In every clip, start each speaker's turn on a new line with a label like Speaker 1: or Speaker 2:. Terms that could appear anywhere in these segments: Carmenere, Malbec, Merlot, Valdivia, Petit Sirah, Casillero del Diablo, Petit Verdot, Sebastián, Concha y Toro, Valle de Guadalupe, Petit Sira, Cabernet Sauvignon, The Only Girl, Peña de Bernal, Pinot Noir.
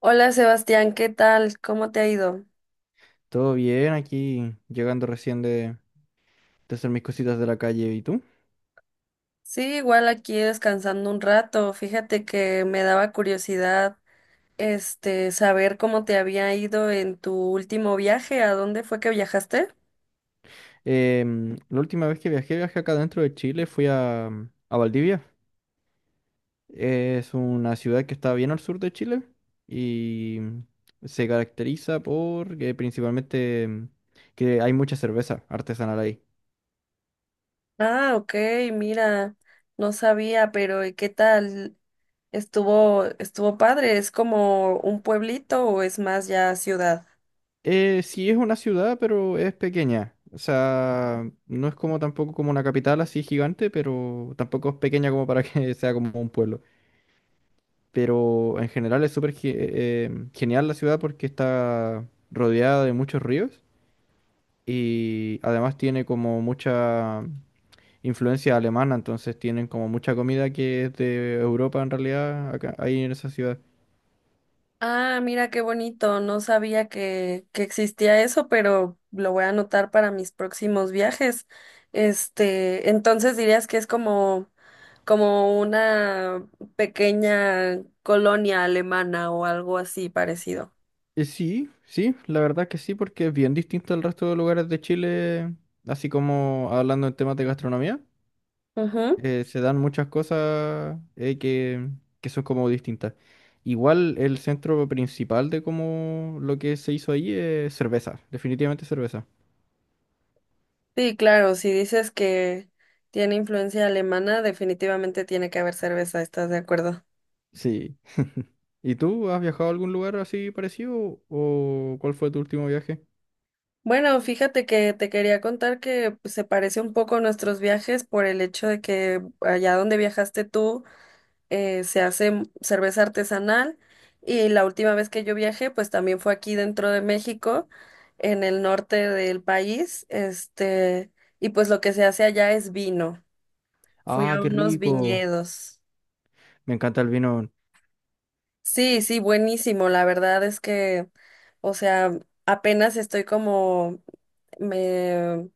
Speaker 1: Hola Sebastián, ¿qué tal? ¿Cómo te ha ido?
Speaker 2: Todo bien, aquí llegando recién de hacer mis cositas de la calle. ¿Y tú?
Speaker 1: Sí, igual aquí descansando un rato. Fíjate que me daba curiosidad, saber cómo te había ido en tu último viaje. ¿A dónde fue que viajaste?
Speaker 2: La última vez que viajé, viajé acá dentro de Chile, fui a Valdivia. Es una ciudad que está bien al sur de Chile y se caracteriza por que principalmente que hay mucha cerveza artesanal ahí.
Speaker 1: Ah, ok, mira, no sabía, pero ¿y qué tal? Estuvo padre. ¿Es como un pueblito o es más ya ciudad?
Speaker 2: Sí es una ciudad, pero es pequeña. O sea, no es como tampoco como una capital así gigante, pero tampoco es pequeña como para que sea como un pueblo. Pero en general es súper genial la ciudad porque está rodeada de muchos ríos y además tiene como mucha influencia alemana, entonces tienen como mucha comida que es de Europa en realidad, acá, ahí en esa ciudad.
Speaker 1: Ah, mira qué bonito. No sabía que existía eso, pero lo voy a anotar para mis próximos viajes. Entonces dirías que es como, como una pequeña colonia alemana o algo así parecido.
Speaker 2: Sí, sí, la verdad que sí, porque es bien distinto al resto de lugares de Chile, así como hablando en temas de gastronomía.
Speaker 1: Ujú.
Speaker 2: Se dan muchas cosas que son como distintas. Igual el centro principal de como lo que se hizo ahí es cerveza, definitivamente cerveza.
Speaker 1: Sí, claro, si dices que tiene influencia alemana, definitivamente tiene que haber cerveza, ¿estás de acuerdo?
Speaker 2: Sí. ¿Y tú has viajado a algún lugar así parecido o cuál fue tu último viaje?
Speaker 1: Bueno, fíjate que te quería contar que pues, se parece un poco a nuestros viajes por el hecho de que allá donde viajaste tú se hace cerveza artesanal y la última vez que yo viajé pues también fue aquí dentro de México, en el norte del país, y pues lo que se hace allá es vino. Fui
Speaker 2: Ah,
Speaker 1: a
Speaker 2: qué
Speaker 1: unos
Speaker 2: rico.
Speaker 1: viñedos.
Speaker 2: Me encanta el vino.
Speaker 1: Sí, sí, buenísimo. La verdad es que, o sea, apenas estoy como me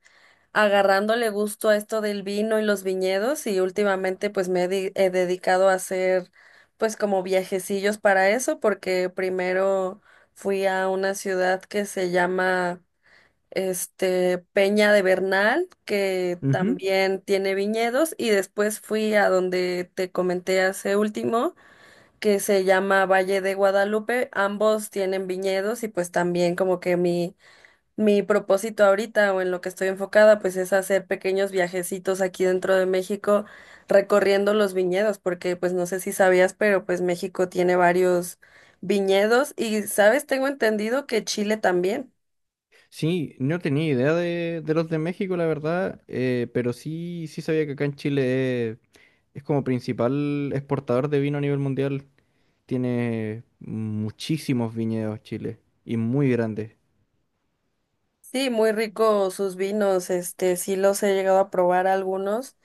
Speaker 1: agarrándole gusto a esto del vino y los viñedos y últimamente pues me he, he dedicado a hacer pues como viajecillos para eso porque primero fui a una ciudad que se llama Peña de Bernal que
Speaker 2: Ujú.
Speaker 1: también tiene viñedos y después fui a donde te comenté hace último que se llama Valle de Guadalupe, ambos tienen viñedos y pues también como que mi propósito ahorita o en lo que estoy enfocada, pues es hacer pequeños viajecitos aquí dentro de México, recorriendo los viñedos, porque pues no sé si sabías, pero pues México tiene varios viñedos y, ¿sabes? Tengo entendido que Chile también.
Speaker 2: Sí, no tenía idea de los de México, la verdad, pero sí, sí sabía que acá en Chile es como principal exportador de vino a nivel mundial. Tiene muchísimos viñedos Chile y muy grandes.
Speaker 1: Sí, muy rico sus vinos, sí los he llegado a probar algunos,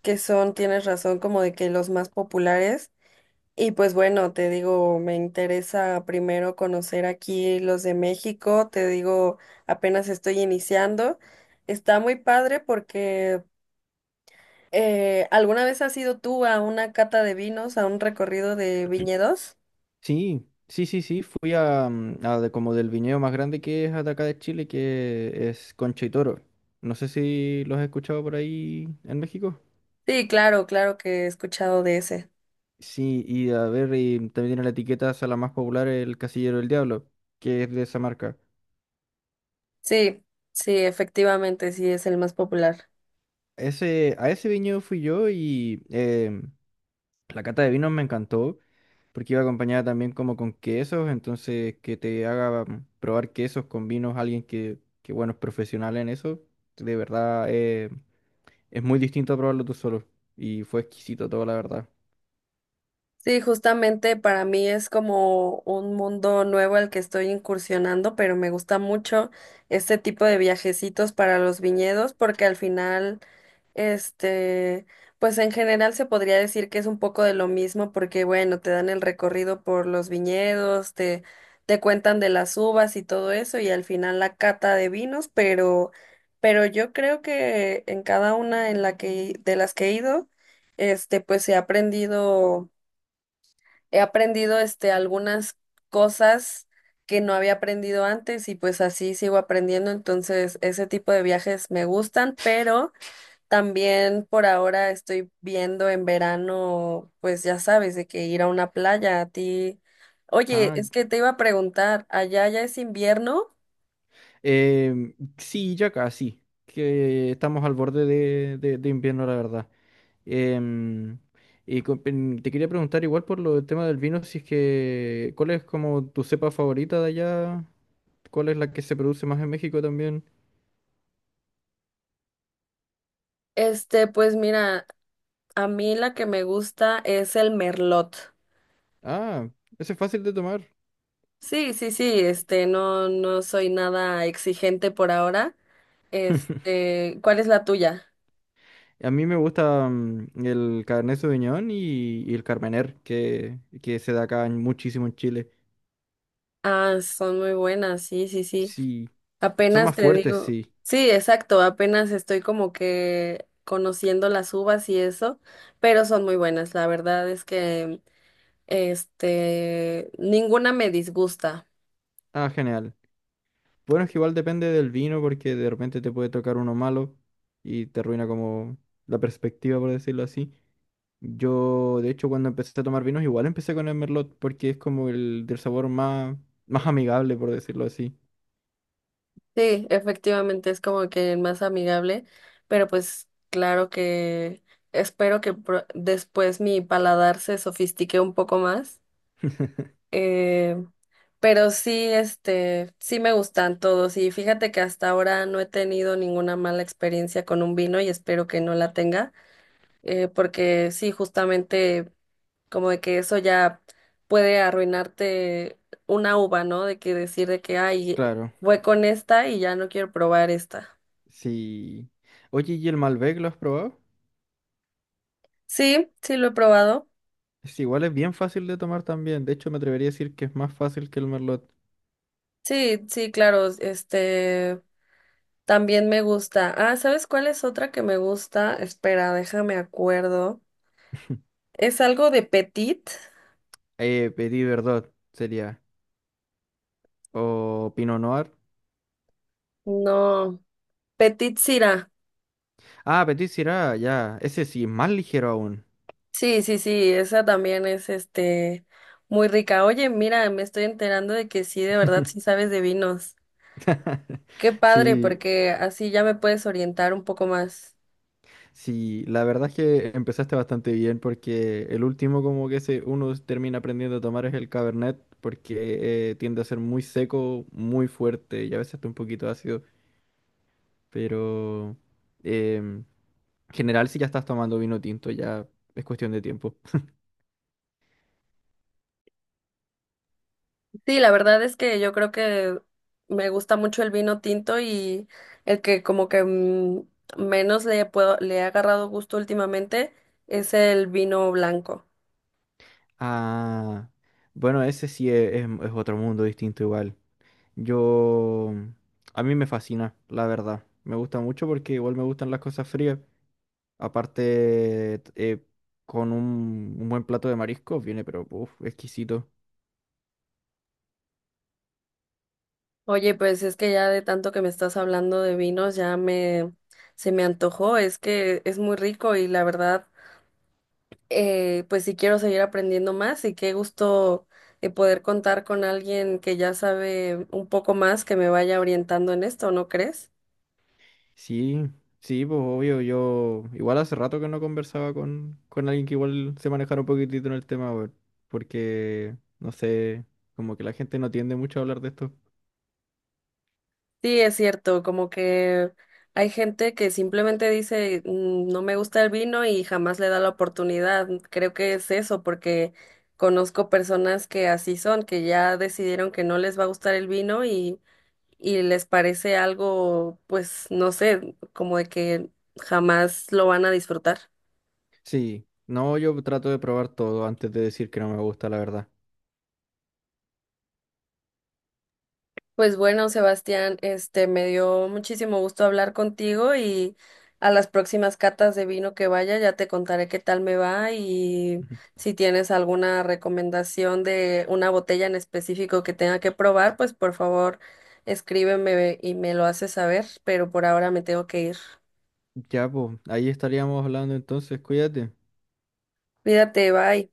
Speaker 1: que son, tienes razón, como de que los más populares. Y pues bueno, te digo, me interesa primero conocer aquí los de México, te digo, apenas estoy iniciando. Está muy padre porque ¿alguna vez has ido tú a una cata de vinos, a un recorrido de viñedos?
Speaker 2: Sí, sí, sí, sí. Fui a, mm, a de- como del viñedo más grande que es de acá de Chile, que es Concha y Toro. No sé si los has escuchado por ahí en México.
Speaker 1: Sí, claro, claro que he escuchado de ese.
Speaker 2: Sí, y a ver, y también tiene la etiqueta, o sea, la más popular, el Casillero del Diablo, que es de esa marca.
Speaker 1: Sí, sí, efectivamente, sí es el más popular.
Speaker 2: Ese, a ese viñedo fui yo y la cata de vinos me encantó, porque iba acompañada también como con quesos, entonces que te haga probar quesos con vinos alguien que bueno, es profesional en eso, de verdad, es muy distinto a probarlo tú solo y fue exquisito todo, la verdad.
Speaker 1: Sí, justamente para mí es como un mundo nuevo al que estoy incursionando, pero me gusta mucho este tipo de viajecitos para los viñedos porque al final, este, pues en general se podría decir que es un poco de lo mismo porque bueno, te dan el recorrido por los viñedos, te cuentan de las uvas y todo eso y al final la cata de vinos, pero yo creo que en cada una en la que de las que he ido, pues he aprendido algunas cosas que no había aprendido antes y pues así sigo aprendiendo, entonces ese tipo de viajes me gustan, pero también por ahora estoy viendo en verano, pues ya sabes, de que ir a una playa a ti. Oye,
Speaker 2: Ah,
Speaker 1: es que te iba a preguntar, ¿allá ya es invierno?
Speaker 2: sí, ya casi, que estamos al borde de invierno, la verdad. Em, y te quería preguntar igual por lo del tema del vino, si es que, ¿cuál es como tu cepa favorita de allá? ¿Cuál es la que se produce más en México también?
Speaker 1: Pues mira, a mí la que me gusta es el merlot.
Speaker 2: Ah, ese es fácil de tomar.
Speaker 1: Sí, sí, sí, no, no soy nada exigente por ahora. ¿Cuál es la tuya?
Speaker 2: A mí me gusta el Cabernet Sauvignon y el Carmener, que se da muchísimo en Chile.
Speaker 1: Ah, son muy buenas, sí, sí, sí.
Speaker 2: Sí, son
Speaker 1: Apenas
Speaker 2: más
Speaker 1: te
Speaker 2: fuertes,
Speaker 1: digo,
Speaker 2: sí.
Speaker 1: sí, exacto, apenas estoy como que conociendo las uvas y eso, pero son muy buenas. La verdad es que, ninguna me disgusta.
Speaker 2: Ah, genial. Bueno, es que igual depende del vino, porque de repente te puede tocar uno malo y te arruina como la perspectiva, por decirlo así. Yo, de hecho, cuando empecé a tomar vinos, igual empecé con el Merlot, porque es como el del sabor más, más amigable, por decirlo así.
Speaker 1: Sí, efectivamente es como que el más amigable, pero pues claro que espero que después mi paladar se sofistique un poco más. Eh, pero sí, sí me gustan todos y fíjate que hasta ahora no he tenido ninguna mala experiencia con un vino y espero que no la tenga, porque sí, justamente como de que eso ya puede arruinarte una uva, ¿no? De que decir de que, ay,
Speaker 2: Claro.
Speaker 1: fue con esta y ya no quiero probar esta.
Speaker 2: Sí. Oye, ¿y el Malbec lo has probado?
Speaker 1: Sí, sí lo he probado.
Speaker 2: Es igual, es bien fácil de tomar también. De hecho, me atrevería a decir que es más fácil que el Merlot.
Speaker 1: Sí, sí, claro, también me gusta. Ah, ¿sabes cuál es otra que me gusta? Espera, déjame acuerdo. Es algo de Petit.
Speaker 2: Petit Verdot sería. O Pinot Noir.
Speaker 1: No, Petit Sira.
Speaker 2: Ah, Petit Syrah, ya. Ese sí, más ligero aún.
Speaker 1: Sí, sí, sí, esa también es muy rica. Oye, mira, me estoy enterando de que sí, de verdad, sí sabes de vinos. Qué padre,
Speaker 2: Sí,
Speaker 1: porque así ya me puedes orientar un poco más.
Speaker 2: sí. La verdad es que empezaste bastante bien porque el último como que se, uno termina aprendiendo a tomar es el Cabernet porque tiende a ser muy seco, muy fuerte y a veces hasta un poquito ácido. Pero em, general, si ya estás tomando vino tinto, ya es cuestión de tiempo.
Speaker 1: Sí, la verdad es que yo creo que me gusta mucho el vino tinto y el que como que menos le puedo, le he agarrado gusto últimamente es el vino blanco.
Speaker 2: Ah, bueno, ese sí es otro mundo distinto igual. Yo, a mí me fascina, la verdad. Me gusta mucho porque igual me gustan las cosas frías. Aparte, con un buen plato de mariscos viene, pero, uf, exquisito.
Speaker 1: Oye, pues es que ya de tanto que me estás hablando de vinos ya me se me antojó, es que es muy rico y la verdad pues sí quiero seguir aprendiendo más y qué gusto poder contar con alguien que ya sabe un poco más que me vaya orientando en esto, ¿no crees?
Speaker 2: Sí, sí, pues obvio, yo igual hace rato que no conversaba con alguien que igual se manejara un poquitito en el tema, weón, porque, no sé, como que la gente no tiende mucho a hablar de esto.
Speaker 1: Sí, es cierto, como que hay gente que simplemente dice, "Mm, no me gusta el vino y jamás le da la oportunidad". Creo que es eso, porque conozco personas que así son, que ya decidieron que no les va a gustar el vino y les parece algo, pues, no sé, como de que jamás lo van a disfrutar.
Speaker 2: Sí, no, yo trato de probar todo antes de decir que no me gusta, la verdad.
Speaker 1: Pues bueno, Sebastián, me dio muchísimo gusto hablar contigo y a las próximas catas de vino que vaya ya te contaré qué tal me va y
Speaker 2: Ujú.
Speaker 1: si tienes alguna recomendación de una botella en específico que tenga que probar, pues por favor escríbeme y me lo haces saber, pero por ahora me tengo que ir.
Speaker 2: Ya, pues, ahí estaríamos hablando entonces, cuídate.
Speaker 1: Cuídate, bye.